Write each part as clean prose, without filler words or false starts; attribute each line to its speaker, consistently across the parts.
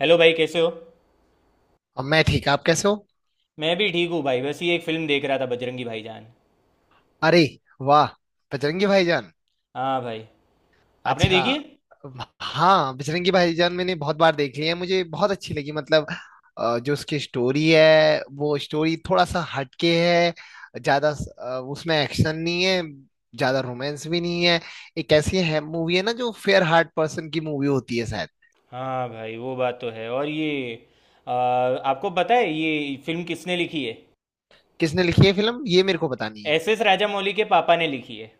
Speaker 1: Hello भाई, कैसे हो?
Speaker 2: अब मैं ठीक। आप कैसे हो?
Speaker 1: मैं भी ठीक हूँ भाई। बस ये एक फिल्म देख रहा था, बजरंगी भाईजान।
Speaker 2: अरे वाह, बजरंगी भाईजान।
Speaker 1: हाँ भाई। आपने
Speaker 2: अच्छा।
Speaker 1: देखी है?
Speaker 2: हाँ, बजरंगी भाईजान मैंने बहुत बार देख ली है, मुझे बहुत अच्छी लगी। मतलब जो उसकी स्टोरी है वो स्टोरी थोड़ा सा हटके है। उसमें एक्शन नहीं है, ज्यादा रोमांस भी नहीं है। एक ऐसी है मूवी है ना जो फेयर हार्ट पर्सन की मूवी होती है शायद।
Speaker 1: हाँ भाई, वो बात तो है। और ये आपको पता है ये फिल्म किसने लिखी है?
Speaker 2: किसने लिखी है फिल्म, ये मेरे को पता नहीं है।
Speaker 1: एस एस राजामौली के पापा ने लिखी है।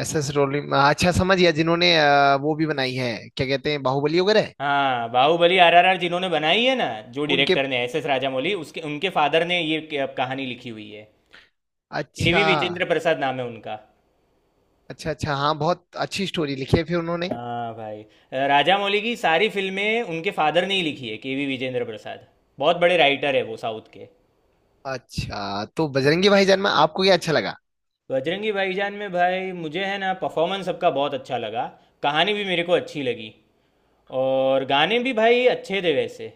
Speaker 2: एस एस रोलिंग, अच्छा समझ गया। जिन्होंने वो भी बनाई है क्या कहते हैं, बाहुबली वगैरह।
Speaker 1: हाँ, बाहुबली आरआरआर जिन्होंने बनाई है ना, जो
Speaker 2: उनके।
Speaker 1: डायरेक्टर ने एस एस राजामौली उसके उनके फादर ने ये कहानी लिखी हुई है। के वी
Speaker 2: अच्छा
Speaker 1: विजेंद्र प्रसाद नाम है उनका।
Speaker 2: अच्छा अच्छा। हाँ बहुत अच्छी स्टोरी लिखी है फिर उन्होंने।
Speaker 1: हाँ भाई, राजामौली की सारी फिल्में उनके फादर ने ही लिखी है, के वी विजेंद्र प्रसाद। बहुत बड़े राइटर है वो साउथ के।
Speaker 2: अच्छा, तो बजरंगी भाईजान में आपको क्या अच्छा लगा?
Speaker 1: बजरंगी भाईजान में भाई, मुझे है ना, परफॉर्मेंस सबका बहुत अच्छा लगा। कहानी भी मेरे को अच्छी लगी। और गाने भी भाई अच्छे थे वैसे।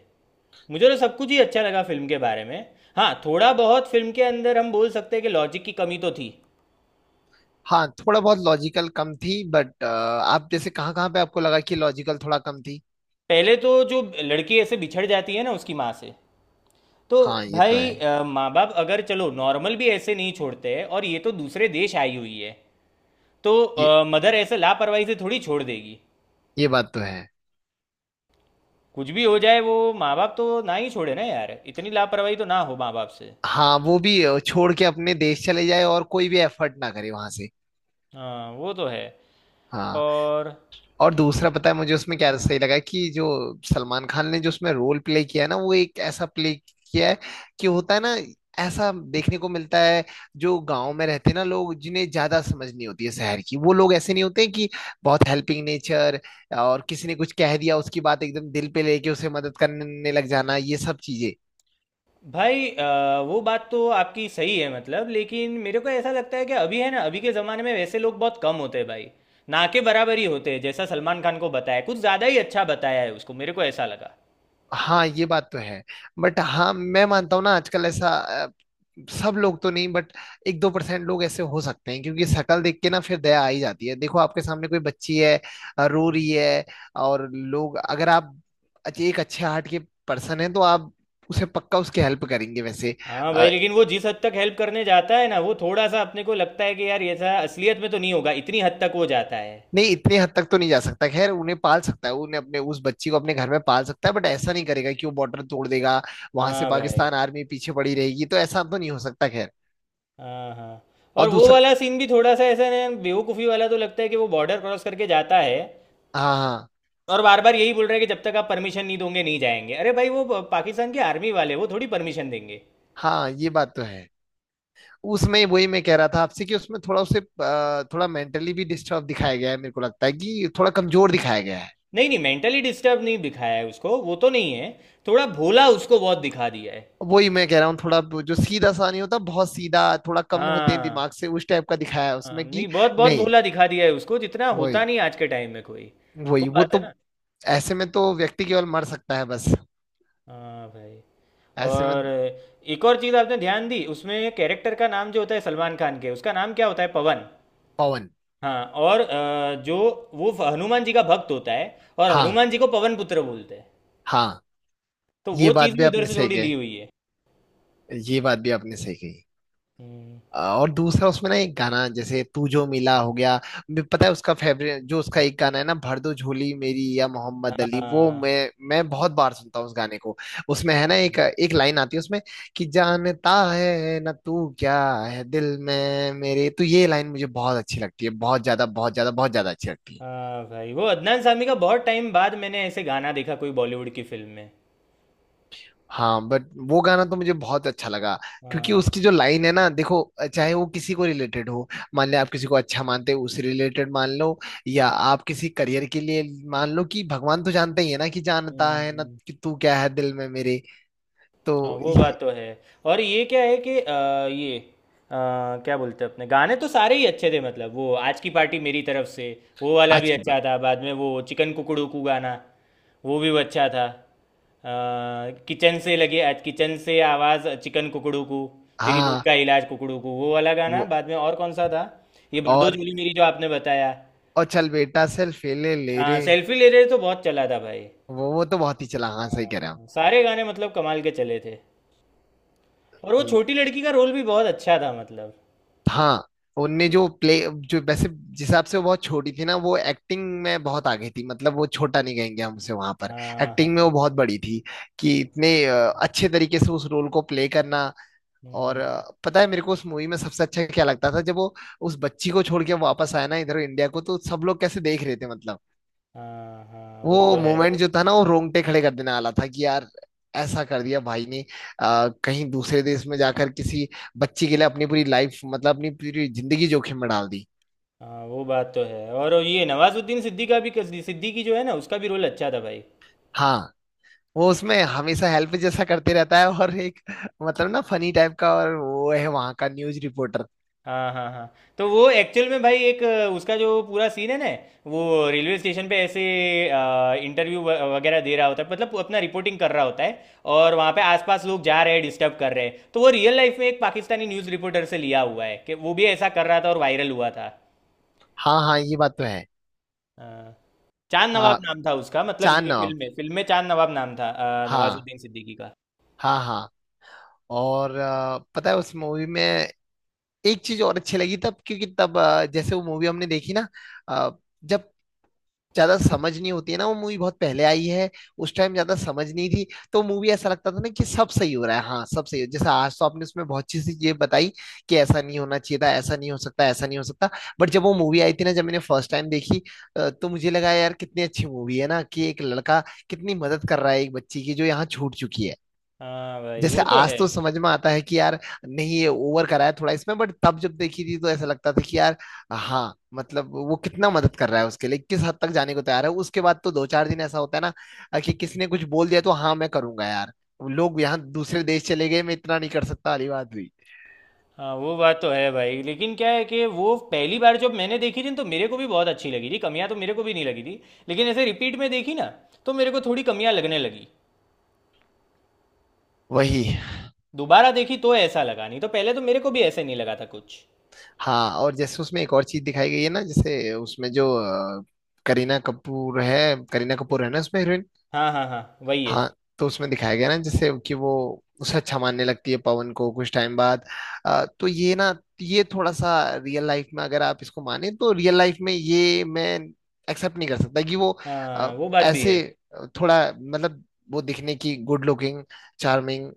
Speaker 1: मुझे तो सब कुछ ही अच्छा लगा फिल्म के बारे में। हाँ, थोड़ा बहुत फिल्म के अंदर हम बोल सकते हैं कि लॉजिक की कमी तो थी।
Speaker 2: हाँ थोड़ा बहुत लॉजिकल कम थी, बट आप जैसे कहाँ कहाँ पे आपको लगा कि लॉजिकल थोड़ा कम थी?
Speaker 1: पहले तो जो लड़की ऐसे बिछड़ जाती है ना उसकी माँ से, तो
Speaker 2: हाँ ये तो
Speaker 1: भाई,
Speaker 2: है।
Speaker 1: माँ बाप अगर चलो नॉर्मल भी ऐसे नहीं छोड़ते हैं, और ये तो दूसरे देश आई हुई है। तो
Speaker 2: ये
Speaker 1: मदर ऐसे लापरवाही से थोड़ी छोड़ देगी।
Speaker 2: ये बात तो है।
Speaker 1: कुछ भी हो जाए वो माँ बाप तो ना ही छोड़े ना यार, इतनी लापरवाही तो ना हो माँ बाप से।
Speaker 2: हाँ वो भी छोड़ के अपने देश चले जाए और कोई भी एफर्ट ना करे वहां से।
Speaker 1: हाँ वो तो है।
Speaker 2: हाँ।
Speaker 1: और
Speaker 2: और दूसरा पता है मुझे उसमें क्या सही लगा, कि जो सलमान खान ने जो उसमें रोल प्ले किया है ना, वो एक ऐसा प्ले किया है कि होता है ना, ऐसा देखने को मिलता है। जो गांव में रहते हैं ना लोग, जिन्हें ज्यादा समझ नहीं होती है शहर की, वो लोग ऐसे नहीं होते हैं कि बहुत हेल्पिंग नेचर, और किसी ने कुछ कह दिया उसकी बात एकदम दिल पे लेके उसे मदद करने लग जाना, ये सब चीजें।
Speaker 1: भाई, वो बात तो आपकी सही है मतलब, लेकिन मेरे को ऐसा लगता है कि अभी है ना, अभी के ज़माने में वैसे लोग बहुत कम होते हैं भाई। ना के बराबर ही होते हैं। जैसा सलमान खान को बताया, कुछ ज़्यादा ही अच्छा बताया है उसको, मेरे को ऐसा लगा।
Speaker 2: हाँ ये बात तो है। बट हाँ मैं मानता हूँ ना, आजकल ऐसा सब लोग तो नहीं, बट एक दो परसेंट लोग ऐसे हो सकते हैं। क्योंकि शक्ल देख के ना फिर दया आ ही जाती है। देखो, आपके सामने कोई बच्ची है, रो रही है, और लोग अगर आप एक अच्छे हार्ट के पर्सन हैं तो आप उसे पक्का उसकी हेल्प करेंगे वैसे।
Speaker 1: हाँ भाई,
Speaker 2: अ,
Speaker 1: लेकिन वो जिस हद तक हेल्प करने जाता है ना, वो थोड़ा सा अपने को लगता है कि यार ऐसा असलियत में तो नहीं होगा, इतनी हद तक वो जाता है।
Speaker 2: नहीं इतने हद तक तो नहीं जा सकता, खैर। उन्हें पाल सकता है, उन्हें अपने उस बच्ची को अपने घर में पाल सकता है, बट ऐसा नहीं करेगा कि वो बॉर्डर तोड़ देगा, वहां से
Speaker 1: हाँ भाई।
Speaker 2: पाकिस्तान आर्मी पीछे पड़ी रहेगी, तो ऐसा तो नहीं हो सकता खैर।
Speaker 1: हाँ हाँ।
Speaker 2: और
Speaker 1: और वो
Speaker 2: दूसरा।
Speaker 1: वाला सीन भी थोड़ा सा ऐसा ना बेवकूफ़ी वाला तो लगता है कि वो बॉर्डर क्रॉस करके जाता है,
Speaker 2: हाँ हाँ।
Speaker 1: और बार बार यही बोल रहा है कि जब तक आप परमिशन नहीं दोगे नहीं जाएंगे। अरे भाई, वो पाकिस्तान के आर्मी वाले वो थोड़ी परमिशन देंगे।
Speaker 2: हाँ ये बात तो है। उसमें वही मैं कह रहा था आपसे कि उसमें थोड़ा उसे अ, थोड़ा मेंटली भी डिस्टर्ब दिखाया गया है, मेरे को लगता है कि थोड़ा कमजोर दिखाया गया है।
Speaker 1: नहीं नहीं, मेंटली डिस्टर्ब नहीं दिखाया है उसको, वो तो नहीं है। थोड़ा भोला उसको बहुत दिखा दिया है।
Speaker 2: वही मैं कह रहा हूँ, थोड़ा जो सीधा सा नहीं होता, बहुत सीधा, थोड़ा कम होते हैं दिमाग
Speaker 1: हाँ।
Speaker 2: से, उस टाइप का दिखाया है
Speaker 1: हाँ
Speaker 2: उसमें
Speaker 1: नहीं,
Speaker 2: कि।
Speaker 1: बहुत बहुत
Speaker 2: नहीं।
Speaker 1: भोला दिखा दिया है उसको, जितना
Speaker 2: वही
Speaker 1: होता नहीं आज के टाइम में कोई। वो
Speaker 2: वही वो
Speaker 1: बात
Speaker 2: तो
Speaker 1: है ना।
Speaker 2: ऐसे में तो व्यक्ति केवल मर सकता है बस,
Speaker 1: हाँ भाई।
Speaker 2: ऐसे में।
Speaker 1: और एक और चीज़ आपने ध्यान दी उसमें, कैरेक्टर का नाम जो होता है सलमान खान के, उसका नाम क्या होता है? पवन।
Speaker 2: पवन।
Speaker 1: हाँ, और जो वो हनुमान जी का भक्त होता है, और
Speaker 2: हाँ।
Speaker 1: हनुमान जी को पवन पुत्र बोलते हैं।
Speaker 2: हाँ।
Speaker 1: तो
Speaker 2: ये
Speaker 1: वो
Speaker 2: बात
Speaker 1: चीज़
Speaker 2: भी
Speaker 1: भी उधर
Speaker 2: आपने
Speaker 1: से
Speaker 2: सही
Speaker 1: थोड़ी ली
Speaker 2: कही।
Speaker 1: हुई है।
Speaker 2: ये बात भी आपने सही कही।
Speaker 1: हम्म।
Speaker 2: और दूसरा उसमें ना एक गाना, जैसे तू जो मिला, हो गया। पता है उसका फेवरेट जो उसका एक गाना है ना, भर दो झोली मेरी या मोहम्मद अली, वो
Speaker 1: हाँ।
Speaker 2: मैं मैं बहुत बार सुनता हूँ उस गाने को। उसमें है ना एक
Speaker 1: हाँ
Speaker 2: एक लाइन आती है उसमें कि, जानता है ना तू क्या है दिल में मेरे, तो ये लाइन मुझे बहुत अच्छी लगती है, बहुत ज्यादा बहुत ज्यादा बहुत ज्यादा अच्छी लगती है।
Speaker 1: हाँ भाई, वो अदनान सामी का बहुत टाइम बाद मैंने ऐसे गाना देखा कोई बॉलीवुड की फिल्म में।
Speaker 2: हाँ बट वो गाना तो मुझे बहुत अच्छा लगा। क्योंकि
Speaker 1: हाँ।
Speaker 2: उसकी जो लाइन है ना, देखो, चाहे वो किसी को रिलेटेड हो, मान ले आप किसी को अच्छा मानते हो उस रिलेटेड मान लो, या आप किसी करियर के लिए मान लो कि, भगवान तो जानते ही है ना कि, जानता है ना
Speaker 1: हम्म।
Speaker 2: कि तू क्या है दिल में मेरे।
Speaker 1: हाँ
Speaker 2: तो
Speaker 1: वो
Speaker 2: ये
Speaker 1: बात तो है। और ये क्या है कि क्या बोलते हैं, अपने गाने तो सारे ही अच्छे थे मतलब। वो आज की पार्टी मेरी तरफ से, वो वाला भी
Speaker 2: आज की
Speaker 1: अच्छा
Speaker 2: बात।
Speaker 1: था। बाद में वो चिकन कुकड़ू कू गाना, वो भी अच्छा था। किचन से लगे आज किचन से आवाज़ चिकन कुकड़ू कू, तेरी भूख
Speaker 2: हाँ
Speaker 1: का इलाज कुकड़ू कू, वो वाला गाना।
Speaker 2: वो।
Speaker 1: बाद में और कौन सा था, ये बरदो
Speaker 2: और
Speaker 1: जोली मेरी जो आपने बताया।
Speaker 2: और चल बेटा सेल्फी ले ले रे।
Speaker 1: हाँ सेल्फी ले रहे तो बहुत चला था भाई।
Speaker 2: वो तो बहुत ही चला, हाँ सही कह रहे हैं
Speaker 1: हाँ, सारे गाने मतलब कमाल के चले थे। और वो
Speaker 2: आप।
Speaker 1: छोटी लड़की का रोल भी बहुत अच्छा था मतलब।
Speaker 2: हाँ। उनने जो प्ले जो, वैसे जिस हिसाब से वो बहुत छोटी थी ना, वो एक्टिंग में बहुत आगे थी, मतलब वो छोटा नहीं कहेंगे हम उसे वहां पर।
Speaker 1: हाँ हाँ।
Speaker 2: एक्टिंग में वो बहुत बड़ी थी, कि इतने अच्छे तरीके से उस रोल को प्ले करना। और
Speaker 1: हम्म।
Speaker 2: अ, पता है मेरे को उस मूवी में सबसे अच्छा क्या लगता था, जब वो उस बच्ची को छोड़ के वापस आया ना इधर इंडिया को, तो सब लोग कैसे देख रहे थे, मतलब
Speaker 1: हाँ हाँ वो
Speaker 2: वो
Speaker 1: तो है।
Speaker 2: मोमेंट जो था ना वो रोंगटे खड़े कर देने वाला था कि, यार ऐसा कर दिया भाई ने। कहीं दूसरे देश में जाकर किसी बच्ची के लिए अपनी पूरी लाइफ, मतलब अपनी पूरी जिंदगी जोखिम में डाल दी।
Speaker 1: हाँ वो बात तो है। और ये नवाजुद्दीन सिद्दीकी का, भी सिद्दीकी जो है ना उसका भी रोल अच्छा था भाई।
Speaker 2: हाँ वो उसमें हमेशा हेल्प जैसा करते रहता है, और एक मतलब ना फनी टाइप का, और वो है वहां का न्यूज रिपोर्टर।
Speaker 1: हाँ, हाँ, हाँ। तो वो एक्चुअल में भाई एक उसका जो पूरा सीन है ना, वो रेलवे स्टेशन पे ऐसे इंटरव्यू वगैरह दे रहा होता है, मतलब अपना रिपोर्टिंग कर रहा होता है, और वहाँ पे आसपास लोग जा रहे हैं डिस्टर्ब कर रहे हैं। तो वो रियल लाइफ में एक पाकिस्तानी न्यूज़ रिपोर्टर से लिया हुआ है कि वो भी ऐसा कर रहा था और वायरल हुआ था।
Speaker 2: हाँ हाँ ये बात तो है।
Speaker 1: हाँ। चांद नवाब
Speaker 2: आ,
Speaker 1: नाम था उसका, मतलब
Speaker 2: चांद
Speaker 1: ये
Speaker 2: नवाब।
Speaker 1: फिल्म में चांद नवाब नाम था,
Speaker 2: हाँ
Speaker 1: नवाजुद्दीन सिद्दीकी का।
Speaker 2: हाँ हाँ। और पता है उस मूवी में एक चीज और अच्छी लगी तब, क्योंकि तब जैसे वो मूवी हमने देखी ना, आ, जब ज्यादा समझ नहीं होती है ना, वो मूवी बहुत पहले आई है, उस टाइम ज्यादा समझ नहीं थी। तो मूवी ऐसा लगता था ना कि सब सही हो रहा है, हाँ सब सही हो। जैसे आज तो आपने उसमें बहुत अच्छी सी ये बताई कि ऐसा नहीं होना चाहिए था, ऐसा नहीं हो सकता, ऐसा नहीं हो सकता। बट जब वो मूवी आई थी ना, जब मैंने फर्स्ट टाइम देखी, तो मुझे लगा यार कितनी अच्छी मूवी है ना, कि एक लड़का कितनी मदद कर रहा है एक बच्ची की जो यहाँ छूट चुकी है।
Speaker 1: हाँ भाई
Speaker 2: जैसे
Speaker 1: वो तो
Speaker 2: आज
Speaker 1: है।
Speaker 2: तो समझ में आता है कि यार नहीं, ये ओवर करा है थोड़ा इसमें, बट तब जब देखी थी तो ऐसा लगता था कि यार हाँ, मतलब वो कितना मदद कर रहा है उसके लिए, किस हद तक जाने को तैयार है। उसके बाद तो दो चार दिन ऐसा होता है ना कि किसने कुछ बोल दिया तो हाँ मैं करूंगा यार, लोग यहाँ दूसरे देश चले गए, मैं इतना नहीं कर सकता वाली बात हुई।
Speaker 1: हाँ वो बात तो है भाई, लेकिन क्या है कि वो पहली बार जब मैंने देखी थी न, तो मेरे को भी बहुत अच्छी लगी थी, कमियां तो मेरे को भी नहीं लगी थी। लेकिन ऐसे रिपीट में देखी ना, तो मेरे को थोड़ी कमियां लगने लगी।
Speaker 2: वही।
Speaker 1: दोबारा देखी तो ऐसा लगा, नहीं तो पहले तो मेरे को भी ऐसे नहीं लगा था कुछ।
Speaker 2: हाँ और जैसे उसमें एक और चीज दिखाई गई है ना, जैसे उसमें जो अ, करीना कपूर है, करीना कपूर है ना उसमें हीरोइन।
Speaker 1: हाँ हाँ हाँ, वही है।
Speaker 2: हाँ। तो उसमें दिखाया गया ना जैसे कि वो उसे अच्छा मानने लगती है पवन को कुछ टाइम बाद। तो ये ना, ये थोड़ा सा रियल लाइफ में अगर आप इसको माने तो, रियल लाइफ में ये मैं एक्सेप्ट नहीं कर सकता कि वो अ,
Speaker 1: हाँ वो बात भी है।
Speaker 2: ऐसे थोड़ा मतलब, वो दिखने की गुड लुकिंग चार्मिंग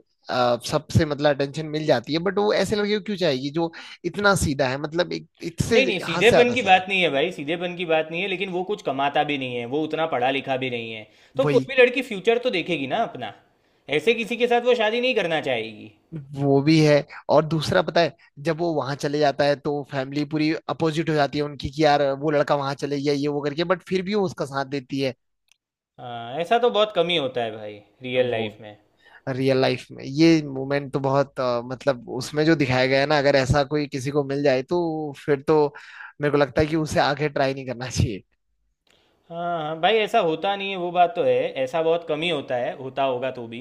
Speaker 2: सबसे मतलब अटेंशन मिल जाती है, बट वो ऐसे लड़के को क्यों चाहिए जो इतना सीधा है, मतलब एक इससे
Speaker 1: नहीं नहीं,
Speaker 2: हद से
Speaker 1: सीधेपन
Speaker 2: ज्यादा
Speaker 1: की
Speaker 2: सादा।
Speaker 1: बात नहीं है भाई, सीधेपन की बात नहीं है, लेकिन वो कुछ कमाता भी नहीं है, वो उतना पढ़ा लिखा भी नहीं है। तो कोई
Speaker 2: वही।
Speaker 1: भी लड़की फ्यूचर तो देखेगी ना अपना, ऐसे किसी के साथ वो शादी नहीं करना चाहेगी।
Speaker 2: वो भी है। और दूसरा पता है, जब वो वहां चले जाता है तो फैमिली पूरी अपोजिट हो जाती है उनकी, कि यार वो लड़का वहां चले गया ये वो करके, बट फिर भी वो उसका साथ देती है।
Speaker 1: हाँ ऐसा तो बहुत कम ही होता है भाई रियल
Speaker 2: वो
Speaker 1: लाइफ में।
Speaker 2: रियल लाइफ में ये मोमेंट तो बहुत मतलब उसमें जो दिखाया गया है ना, अगर ऐसा कोई किसी को मिल जाए तो फिर तो मेरे को लगता है कि उसे आगे ट्राई नहीं करना चाहिए।
Speaker 1: हाँ हाँ भाई, ऐसा होता नहीं है, वो बात तो है। ऐसा बहुत कम ही होता है, होता होगा तो भी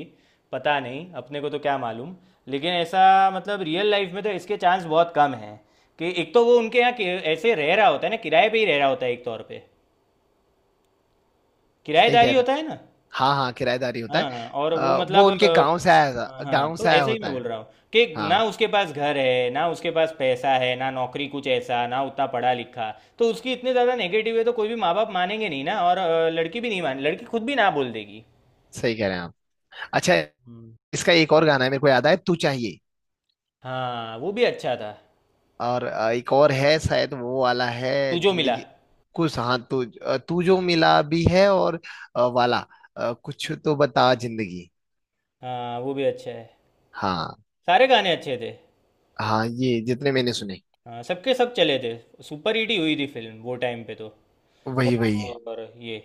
Speaker 1: पता नहीं, अपने को तो क्या मालूम। लेकिन ऐसा मतलब रियल लाइफ में तो इसके चांस बहुत कम हैं, कि एक तो वो उनके यहाँ ऐसे रह रहा होता है ना, किराए पे ही रह रहा होता है एक तौर पे,
Speaker 2: सही कह
Speaker 1: किराएदारी
Speaker 2: रहे हो।
Speaker 1: होता है ना।
Speaker 2: हाँ हाँ किराएदारी होता है।
Speaker 1: हाँ हाँ, और वो
Speaker 2: अ, वो
Speaker 1: मतलब
Speaker 2: उनके गाँव से आया
Speaker 1: हाँ
Speaker 2: था-
Speaker 1: हाँ,
Speaker 2: गाँव
Speaker 1: तो
Speaker 2: से आया
Speaker 1: ऐसे ही
Speaker 2: होता
Speaker 1: मैं बोल
Speaker 2: है।
Speaker 1: रहा हूँ कि ना
Speaker 2: हाँ
Speaker 1: उसके पास घर है, ना उसके पास पैसा है, ना नौकरी, कुछ ऐसा, ना उतना पढ़ा लिखा। तो उसकी इतने ज़्यादा नेगेटिव है तो कोई भी माँ बाप मानेंगे नहीं ना, और लड़की भी नहीं मान, लड़की खुद भी ना बोल देगी।
Speaker 2: सही कह रहे हैं आप। अच्छा।
Speaker 1: हम्म।
Speaker 2: इसका एक और गाना है मेरे को याद आया, तू चाहिए।
Speaker 1: हाँ वो भी अच्छा था।
Speaker 2: और एक और है शायद वो वाला है,
Speaker 1: तू जो मिला।
Speaker 2: जिंदगी कुछ, हाँ तू तू जो मिला भी है। और वाला, कुछ तो बता जिंदगी।
Speaker 1: हाँ वो भी अच्छा है।
Speaker 2: हाँ।
Speaker 1: सारे गाने अच्छे थे।
Speaker 2: हाँ ये जितने मैंने सुने।
Speaker 1: हाँ सबके सब चले थे, सुपर हिट ही हुई थी फिल्म वो टाइम पे तो।
Speaker 2: वही वही है।
Speaker 1: और ये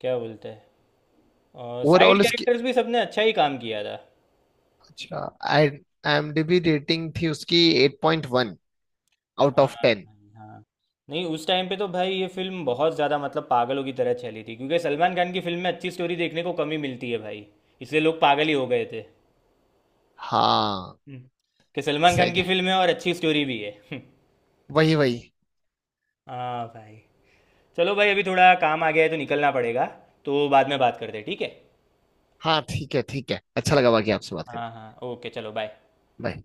Speaker 1: क्या बोलते हैं, और साइड
Speaker 2: ओवरऑल उसकी
Speaker 1: कैरेक्टर्स भी सबने अच्छा ही काम किया था।
Speaker 2: अच्छा आई IMDb रेटिंग थी उसकी 8.1 आउट
Speaker 1: हाँ
Speaker 2: ऑफ 10।
Speaker 1: भाई, हाँ। नहीं उस टाइम पे तो भाई ये फिल्म बहुत ज़्यादा मतलब पागलों की तरह चली थी, क्योंकि सलमान खान की फिल्म में अच्छी स्टोरी देखने को कमी मिलती है भाई, इसलिए लोग पागल ही हो गए थे।
Speaker 2: हाँ
Speaker 1: हम्म। कि सलमान
Speaker 2: सही
Speaker 1: खान की
Speaker 2: है,
Speaker 1: फिल्म है और अच्छी स्टोरी भी है।
Speaker 2: वही वही।
Speaker 1: हाँ भाई। चलो भाई, अभी थोड़ा काम आ गया है तो निकलना पड़ेगा, तो बाद में बात करते हैं, ठीक है?
Speaker 2: हाँ ठीक है ठीक है, अच्छा लगा बाकी आपसे बात
Speaker 1: हाँ
Speaker 2: करके।
Speaker 1: हाँ ओके, चलो बाय।
Speaker 2: बाय।